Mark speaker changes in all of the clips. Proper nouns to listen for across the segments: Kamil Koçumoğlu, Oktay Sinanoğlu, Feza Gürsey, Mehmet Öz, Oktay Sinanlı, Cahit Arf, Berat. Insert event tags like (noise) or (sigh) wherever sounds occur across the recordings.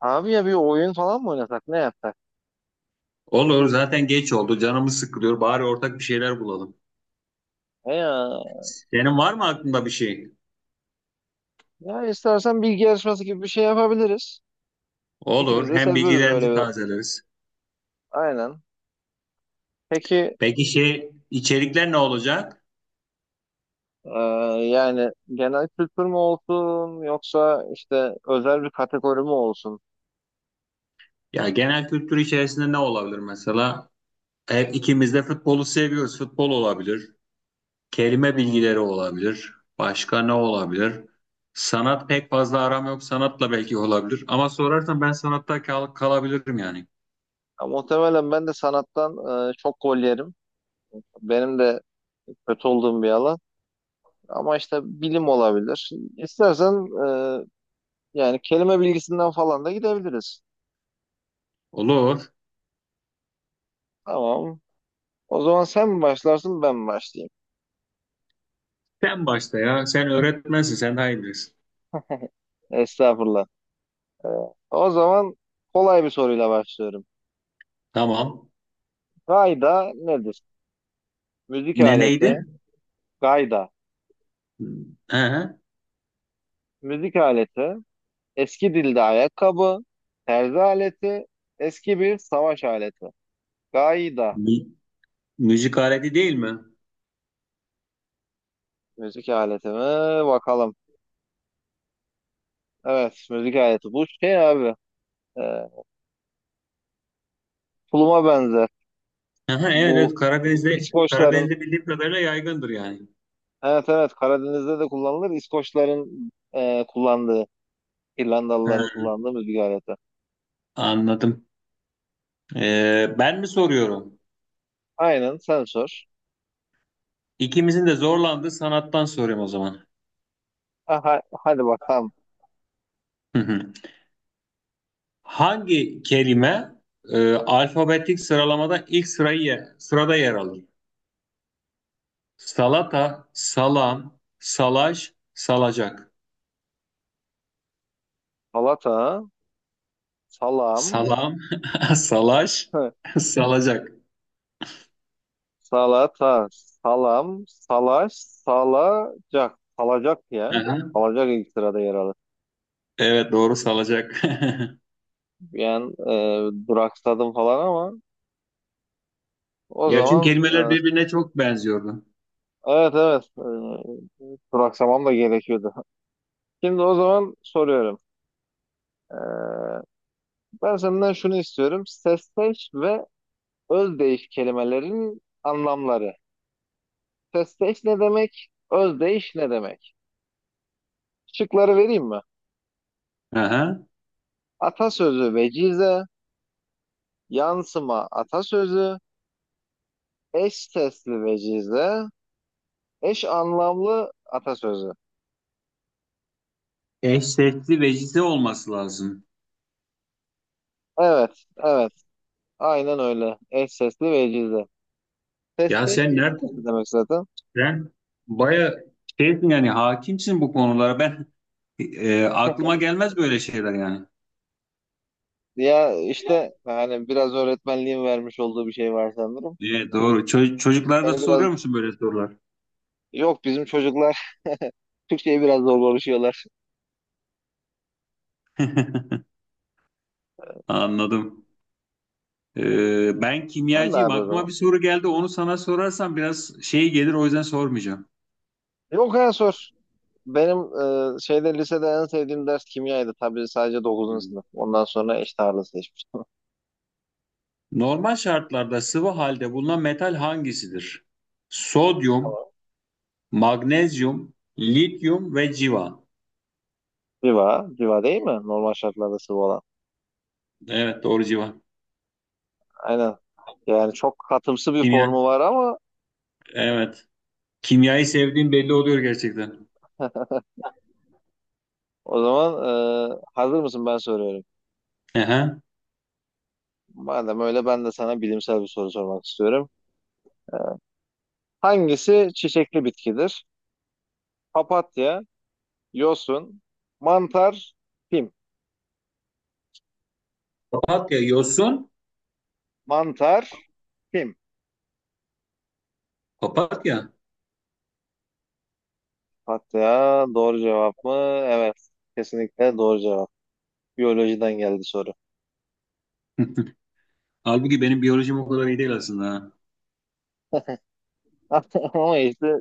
Speaker 1: Abi ya bir oyun falan mı oynasak? Ne yapsak?
Speaker 2: Olur zaten geç oldu canımız sıkılıyor bari ortak bir şeyler bulalım.
Speaker 1: He ya.
Speaker 2: Senin var mı aklında bir şey?
Speaker 1: Ya istersen bilgi yarışması gibi bir şey yapabiliriz. İkimiz
Speaker 2: Olur
Speaker 1: de
Speaker 2: hem
Speaker 1: seviyoruz öyle
Speaker 2: bilgilerimizi
Speaker 1: bir.
Speaker 2: tazeleriz.
Speaker 1: Aynen. Peki.
Speaker 2: Peki şey içerikler ne olacak?
Speaker 1: e, Yani genel kültür mü olsun yoksa işte özel bir kategori mi olsun?
Speaker 2: Ya genel kültür içerisinde ne olabilir mesela? Hep ikimiz de futbolu seviyoruz. Futbol olabilir. Kelime
Speaker 1: Hı hı.
Speaker 2: bilgileri olabilir. Başka ne olabilir? Sanat pek fazla aram yok. Sanatla belki olabilir. Ama sorarsan ben sanatta kalabilirim yani.
Speaker 1: Ya muhtemelen ben de sanattan çok gol yerim. Benim de kötü olduğum bir alan. Ama işte bilim olabilir. İstersen e, yani kelime bilgisinden falan da gidebiliriz.
Speaker 2: Olur.
Speaker 1: Tamam. O zaman sen mi başlarsın ben mi başlayayım?
Speaker 2: Sen başla ya. Sen öğretmensin. Sen daha iyi bilirsin.
Speaker 1: Estağfurullah. Ee, O zaman kolay bir soruyla başlıyorum.
Speaker 2: Tamam.
Speaker 1: Gayda nedir? Müzik
Speaker 2: Ne
Speaker 1: aleti,
Speaker 2: neydi?
Speaker 1: gayda.
Speaker 2: Aha,
Speaker 1: Müzik aleti, eski dilde ayakkabı, terzi aleti, eski bir savaş aleti. Gayda
Speaker 2: mü- müzik aleti değil mi?
Speaker 1: müzik aleti mi? Bakalım. Evet, müzik aleti. Bu şey abi, e, tuluma benzer.
Speaker 2: Aha, evet,
Speaker 1: Bu
Speaker 2: evet, Karadeniz'de
Speaker 1: İskoçların,
Speaker 2: Karadeniz'de bildiğim kadarıyla yaygındır yani.
Speaker 1: evet, evet, Karadeniz'de de kullanılır. İskoçların, kullandığı,
Speaker 2: Ha,
Speaker 1: İrlandalıların kullandığı müzik aleti.
Speaker 2: anladım. Ben mi soruyorum?
Speaker 1: Aynen, sen sor.
Speaker 2: İkimizin de zorlandığı sanattan soruyorum o zaman.
Speaker 1: Ha, hadi bakalım.
Speaker 2: Hı hı. Hangi kelime alfabetik sıralamada ilk sırada yer alır? Salata, salam, salaş, salacak.
Speaker 1: Salata, salam,
Speaker 2: Salam, (laughs) salaş,
Speaker 1: hı,
Speaker 2: salacak.
Speaker 1: salata, salam, salaş, salacak. Salacak ya.
Speaker 2: Aha.
Speaker 1: Salacak ilk sırada yer alır.
Speaker 2: Evet doğru, salacak. (laughs)
Speaker 1: Yani duraksadım falan ama o
Speaker 2: Ya çünkü
Speaker 1: zaman,
Speaker 2: kelimeler birbirine çok benziyordu.
Speaker 1: evet, evet, duraksamam da gerekiyordu. Şimdi o zaman soruyorum. E, Ben senden şunu istiyorum. Sesteş ve özdeyiş kelimelerin anlamları. Sesteş ne demek? Özdeyiş ne demek? Şıkları vereyim mi?
Speaker 2: Aha.
Speaker 1: Atasözü vecize, yansıma atasözü, eş sesli vecize, eş anlamlı atasözü.
Speaker 2: Eş sesli vecize olması lazım.
Speaker 1: Evet, evet. Aynen öyle. Eş sesli vecize.
Speaker 2: Ya
Speaker 1: Sesteş
Speaker 2: sen
Speaker 1: eş sesli
Speaker 2: nereden?
Speaker 1: demek zaten.
Speaker 2: Sen baya şeysin yani, hakimsin bu konulara. Ben aklıma gelmez böyle şeyler yani.
Speaker 1: Ya işte hani biraz öğretmenliğin vermiş olduğu bir şey var sanırım.
Speaker 2: Evet, doğru. Çocuklara da
Speaker 1: Yani biraz
Speaker 2: soruyor musun böyle sorular?
Speaker 1: yok bizim çocuklar (laughs) Türkçe'yi biraz zor konuşuyorlar.
Speaker 2: (laughs) Anladım. Ben
Speaker 1: Sen de
Speaker 2: kimyacıyım.
Speaker 1: abi o
Speaker 2: Aklıma bir
Speaker 1: zaman.
Speaker 2: soru geldi. Onu sana sorarsam biraz şey gelir. O yüzden sormayacağım.
Speaker 1: Yok ya sor. Benim şeyde, lisede en sevdiğim ders kimyaydı. Tabii sadece dokuzuncu
Speaker 2: Hmm.
Speaker 1: sınıf. Ondan sonra eş ağırlığı seçmiştim.
Speaker 2: Normal şartlarda sıvı halde bulunan metal hangisidir?
Speaker 1: (laughs)
Speaker 2: Sodyum,
Speaker 1: Tamam.
Speaker 2: magnezyum, lityum ve civa.
Speaker 1: Civa, civa değil mi? Normal şartlarda sıvı olan.
Speaker 2: Evet doğru, civa.
Speaker 1: Aynen. Yani çok katımsı bir
Speaker 2: Kimya,
Speaker 1: formu var ama
Speaker 2: evet. Kimyayı sevdiğim belli oluyor gerçekten.
Speaker 1: o zaman, hazır mısın ben soruyorum.
Speaker 2: Aha.
Speaker 1: Madem öyle ben de sana bilimsel bir soru sormak istiyorum. Hangisi çiçekli bitkidir? Papatya, yosun, mantar, pim.
Speaker 2: Papatya, yosun,
Speaker 1: Mantar, pim.
Speaker 2: papatya.
Speaker 1: Papatya doğru cevap mı? Evet. Kesinlikle doğru cevap. Biyolojiden geldi soru.
Speaker 2: (laughs) Halbuki benim biyolojim o kadar iyi değil aslında. Ha.
Speaker 1: (laughs) Ama işte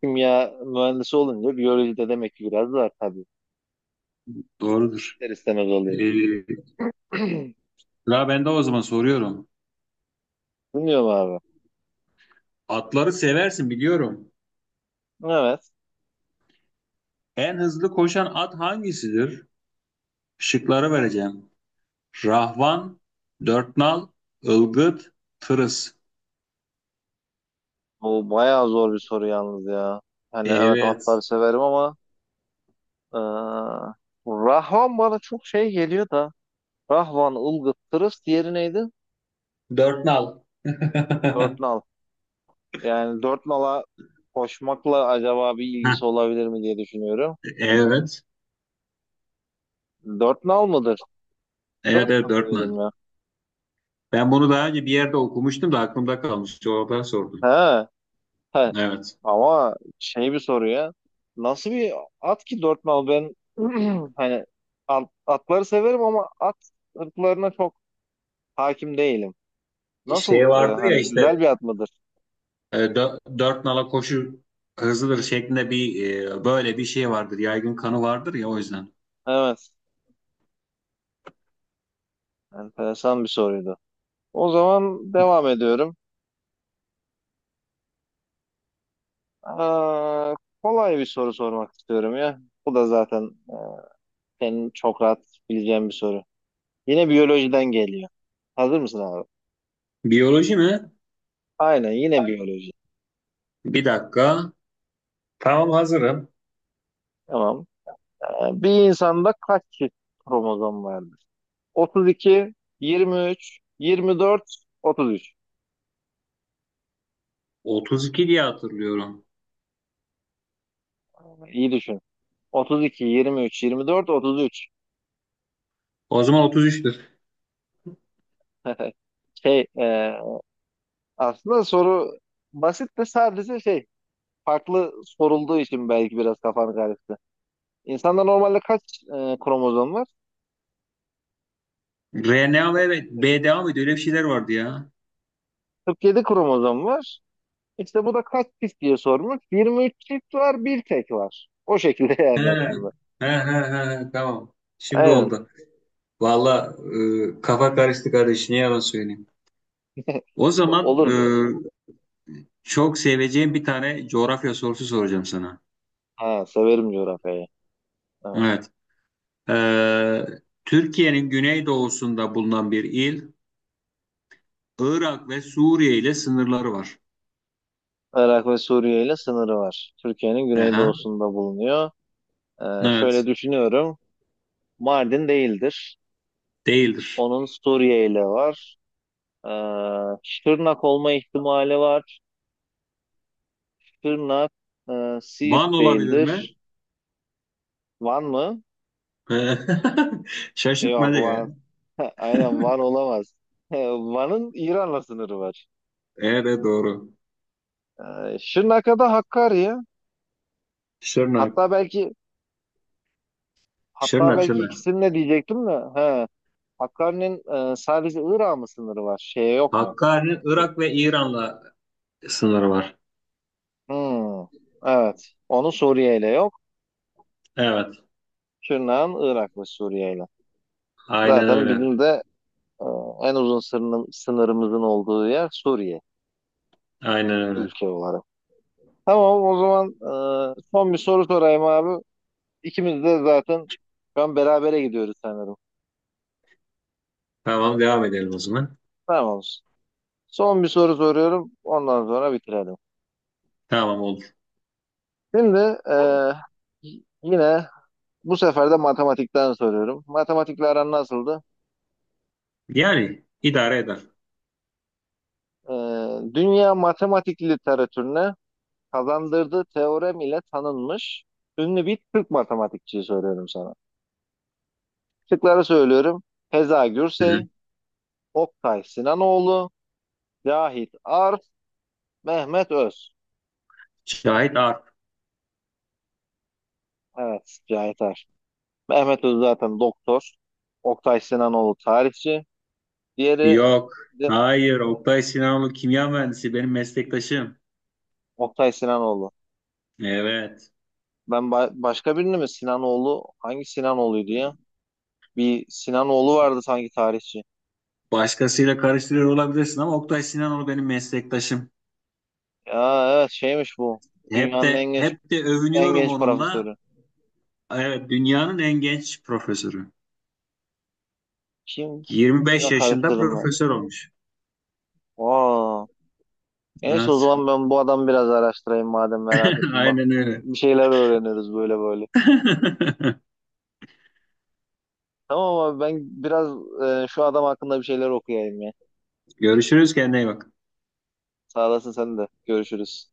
Speaker 1: kimya mühendisi olunca biyolojide demek ki biraz var tabii.
Speaker 2: Doğrudur.
Speaker 1: İster istemez oluyor.
Speaker 2: Ee,
Speaker 1: (clears throat)
Speaker 2: sıra ben de o zaman soruyorum.
Speaker 1: Bilmiyorum abi.
Speaker 2: Atları seversin biliyorum.
Speaker 1: Evet.
Speaker 2: En hızlı koşan at hangisidir? Şıkları vereceğim. Rahvan, dörtnal, Ilgıt, tırıs.
Speaker 1: Bu bayağı zor bir soru yalnız ya. Hani evet atları
Speaker 2: Evet.
Speaker 1: severim ama eee, Rahvan bana çok şey geliyor da, Rahvan, Ilgıt, Tırıs, diğeri neydi?
Speaker 2: Dörtnal.
Speaker 1: Dört
Speaker 2: (laughs)
Speaker 1: nal. Yani dört nala koşmakla acaba bir ilgisi olabilir mi diye düşünüyorum.
Speaker 2: Evet.
Speaker 1: Dört nal mıdır? Dört
Speaker 2: Evet
Speaker 1: nal
Speaker 2: evet,
Speaker 1: diyorum
Speaker 2: Birdman.
Speaker 1: ya.
Speaker 2: Ben bunu daha önce bir yerde okumuştum da aklımda kalmış. Oradan sordum.
Speaker 1: He. He.
Speaker 2: Evet.
Speaker 1: Ama şey bir soru ya. Nasıl bir at ki dört nal? Ben (clears throat) hani atları severim ama at ırklarına çok hakim değilim. Nasıl,
Speaker 2: Şey vardır ya
Speaker 1: hani
Speaker 2: işte,
Speaker 1: güzel bir at mıdır?
Speaker 2: dört nala koşu hızlıdır şeklinde bir, böyle bir şey vardır. Yaygın kanı vardır ya, o yüzden.
Speaker 1: Evet. Enteresan bir soruydu. O zaman devam ediyorum. Aa, kolay bir soru sormak istiyorum ya. Bu da zaten e, senin çok rahat bileceğin bir soru. Yine biyolojiden geliyor. Hazır mısın abi?
Speaker 2: Biyoloji mi?
Speaker 1: Aynen, yine biyoloji.
Speaker 2: Bir dakika. Tamam, hazırım.
Speaker 1: Tamam. Yani bir insanda kaç çift kromozom vardır? 32, 23, 24, 33.
Speaker 2: 32 diye hatırlıyorum.
Speaker 1: İyi düşün. 32, 23, 24, 33.
Speaker 2: O zaman 33'tür.
Speaker 1: (laughs) Şey, aslında soru basit de sadece şey, farklı sorulduğu için belki biraz kafanı karıştı. İnsanda normalde kaç kromozom var?
Speaker 2: RNA ve BDA mıydı? Öyle bir şeyler vardı ya.
Speaker 1: 47 kromozom var. İşte bu da kaç çift diye sormuş. 23 çift var, bir tek var. O şekilde (laughs)
Speaker 2: He, he,
Speaker 1: yani aslında.
Speaker 2: he, he, he, tamam. Şimdi
Speaker 1: Aynen.
Speaker 2: oldu. Valla kafa karıştı kardeş. Ne yalan söyleyeyim.
Speaker 1: (laughs)
Speaker 2: O zaman
Speaker 1: Olur.
Speaker 2: çok seveceğim bir tane coğrafya sorusu soracağım sana.
Speaker 1: Ha, severim coğrafyayı. Evet.
Speaker 2: Evet. E, Türkiye'nin güneydoğusunda bulunan bir il, Irak ve Suriye ile sınırları var.
Speaker 1: Irak ve Suriye ile sınırı var. Türkiye'nin
Speaker 2: Aha.
Speaker 1: güneydoğusunda bulunuyor. Şöyle
Speaker 2: Evet.
Speaker 1: düşünüyorum. Mardin değildir.
Speaker 2: Değildir.
Speaker 1: Onun Suriye ile var. Ee, Şırnak olma ihtimali var. Şırnak,
Speaker 2: Van
Speaker 1: Siirt
Speaker 2: olabilir mi?
Speaker 1: değildir. Van mı?
Speaker 2: (laughs)
Speaker 1: Yok,
Speaker 2: Şaşırtmadı ya.
Speaker 1: Van. (laughs) Aynen Van olamaz. (laughs) Van'ın İran'la sınırı var.
Speaker 2: Evet doğru.
Speaker 1: Şırnak'a da Hakkari.
Speaker 2: Şırnak.
Speaker 1: Hatta belki hatta
Speaker 2: Şırnak,
Speaker 1: belki
Speaker 2: Şırnak.
Speaker 1: ikisini de diyecektim de. He. Hakkari'nin sadece Irak'a mı sınırı var? Şeye yok mu?
Speaker 2: Hakkari'nin Irak ve İran'la sınırı var.
Speaker 1: Hmm, evet. Onu Suriye ile yok.
Speaker 2: Evet.
Speaker 1: Şırnak'ın Irak ve Suriye ile.
Speaker 2: Aynen
Speaker 1: Zaten
Speaker 2: öyle.
Speaker 1: bizim de e, en uzun sınırımızın olduğu yer Suriye,
Speaker 2: Aynen öyle.
Speaker 1: ülke olarak. Tamam, o zaman son bir soru sorayım abi. İkimiz de zaten şu an berabere gidiyoruz sanırım.
Speaker 2: Tamam, devam edelim o zaman.
Speaker 1: Tamam. Son bir soru soruyorum. Ondan sonra bitirelim.
Speaker 2: Tamam olur.
Speaker 1: Şimdi e, yine bu sefer de matematikten soruyorum. Matematikle aran nasıldı?
Speaker 2: Yani idare eder.
Speaker 1: Ee, Dünya matematik literatürüne kazandırdığı teorem ile tanınmış ünlü bir Türk matematikçiyi söylüyorum sana. Şıkları söylüyorum. Feza
Speaker 2: Hı
Speaker 1: Gürsey,
Speaker 2: hı.
Speaker 1: Oktay Sinanoğlu, Cahit Arf, Mehmet Öz.
Speaker 2: Şahit Arp.
Speaker 1: Evet, Cahit Arf. Mehmet Öz zaten doktor. Oktay Sinanoğlu tarihçi. Diğeri
Speaker 2: Yok.
Speaker 1: de
Speaker 2: Hayır. Oktay Sinanlı kimya mühendisi, benim meslektaşım.
Speaker 1: Oktay Sinanoğlu.
Speaker 2: Evet.
Speaker 1: Ben başka birini mi Sinanoğlu? Hangi Sinanoğlu'ydu ya? Bir Sinanoğlu vardı sanki tarihçi.
Speaker 2: Başkasıyla karıştırıyor olabilirsin ama Oktay Sinanlı benim meslektaşım.
Speaker 1: Ya evet şeymiş bu.
Speaker 2: Hep
Speaker 1: Dünyanın en
Speaker 2: de
Speaker 1: genç
Speaker 2: hep de
Speaker 1: en
Speaker 2: övünüyorum
Speaker 1: genç
Speaker 2: onunla.
Speaker 1: profesörü.
Speaker 2: Evet, dünyanın en genç profesörü.
Speaker 1: Kim?
Speaker 2: 25
Speaker 1: Kimle
Speaker 2: yaşında
Speaker 1: karıştırdım ben?
Speaker 2: profesör olmuş.
Speaker 1: Aa. Neyse, o
Speaker 2: Evet.
Speaker 1: zaman ben bu adamı biraz araştırayım madem merak
Speaker 2: (laughs)
Speaker 1: ettim. Bak,
Speaker 2: Aynen öyle.
Speaker 1: bir şeyler öğreniriz böyle böyle.
Speaker 2: (laughs)
Speaker 1: Tamam abi, ben biraz şu adam hakkında bir şeyler okuyayım ya.
Speaker 2: Görüşürüz, kendine iyi bak.
Speaker 1: Sağ olasın sen de. Görüşürüz.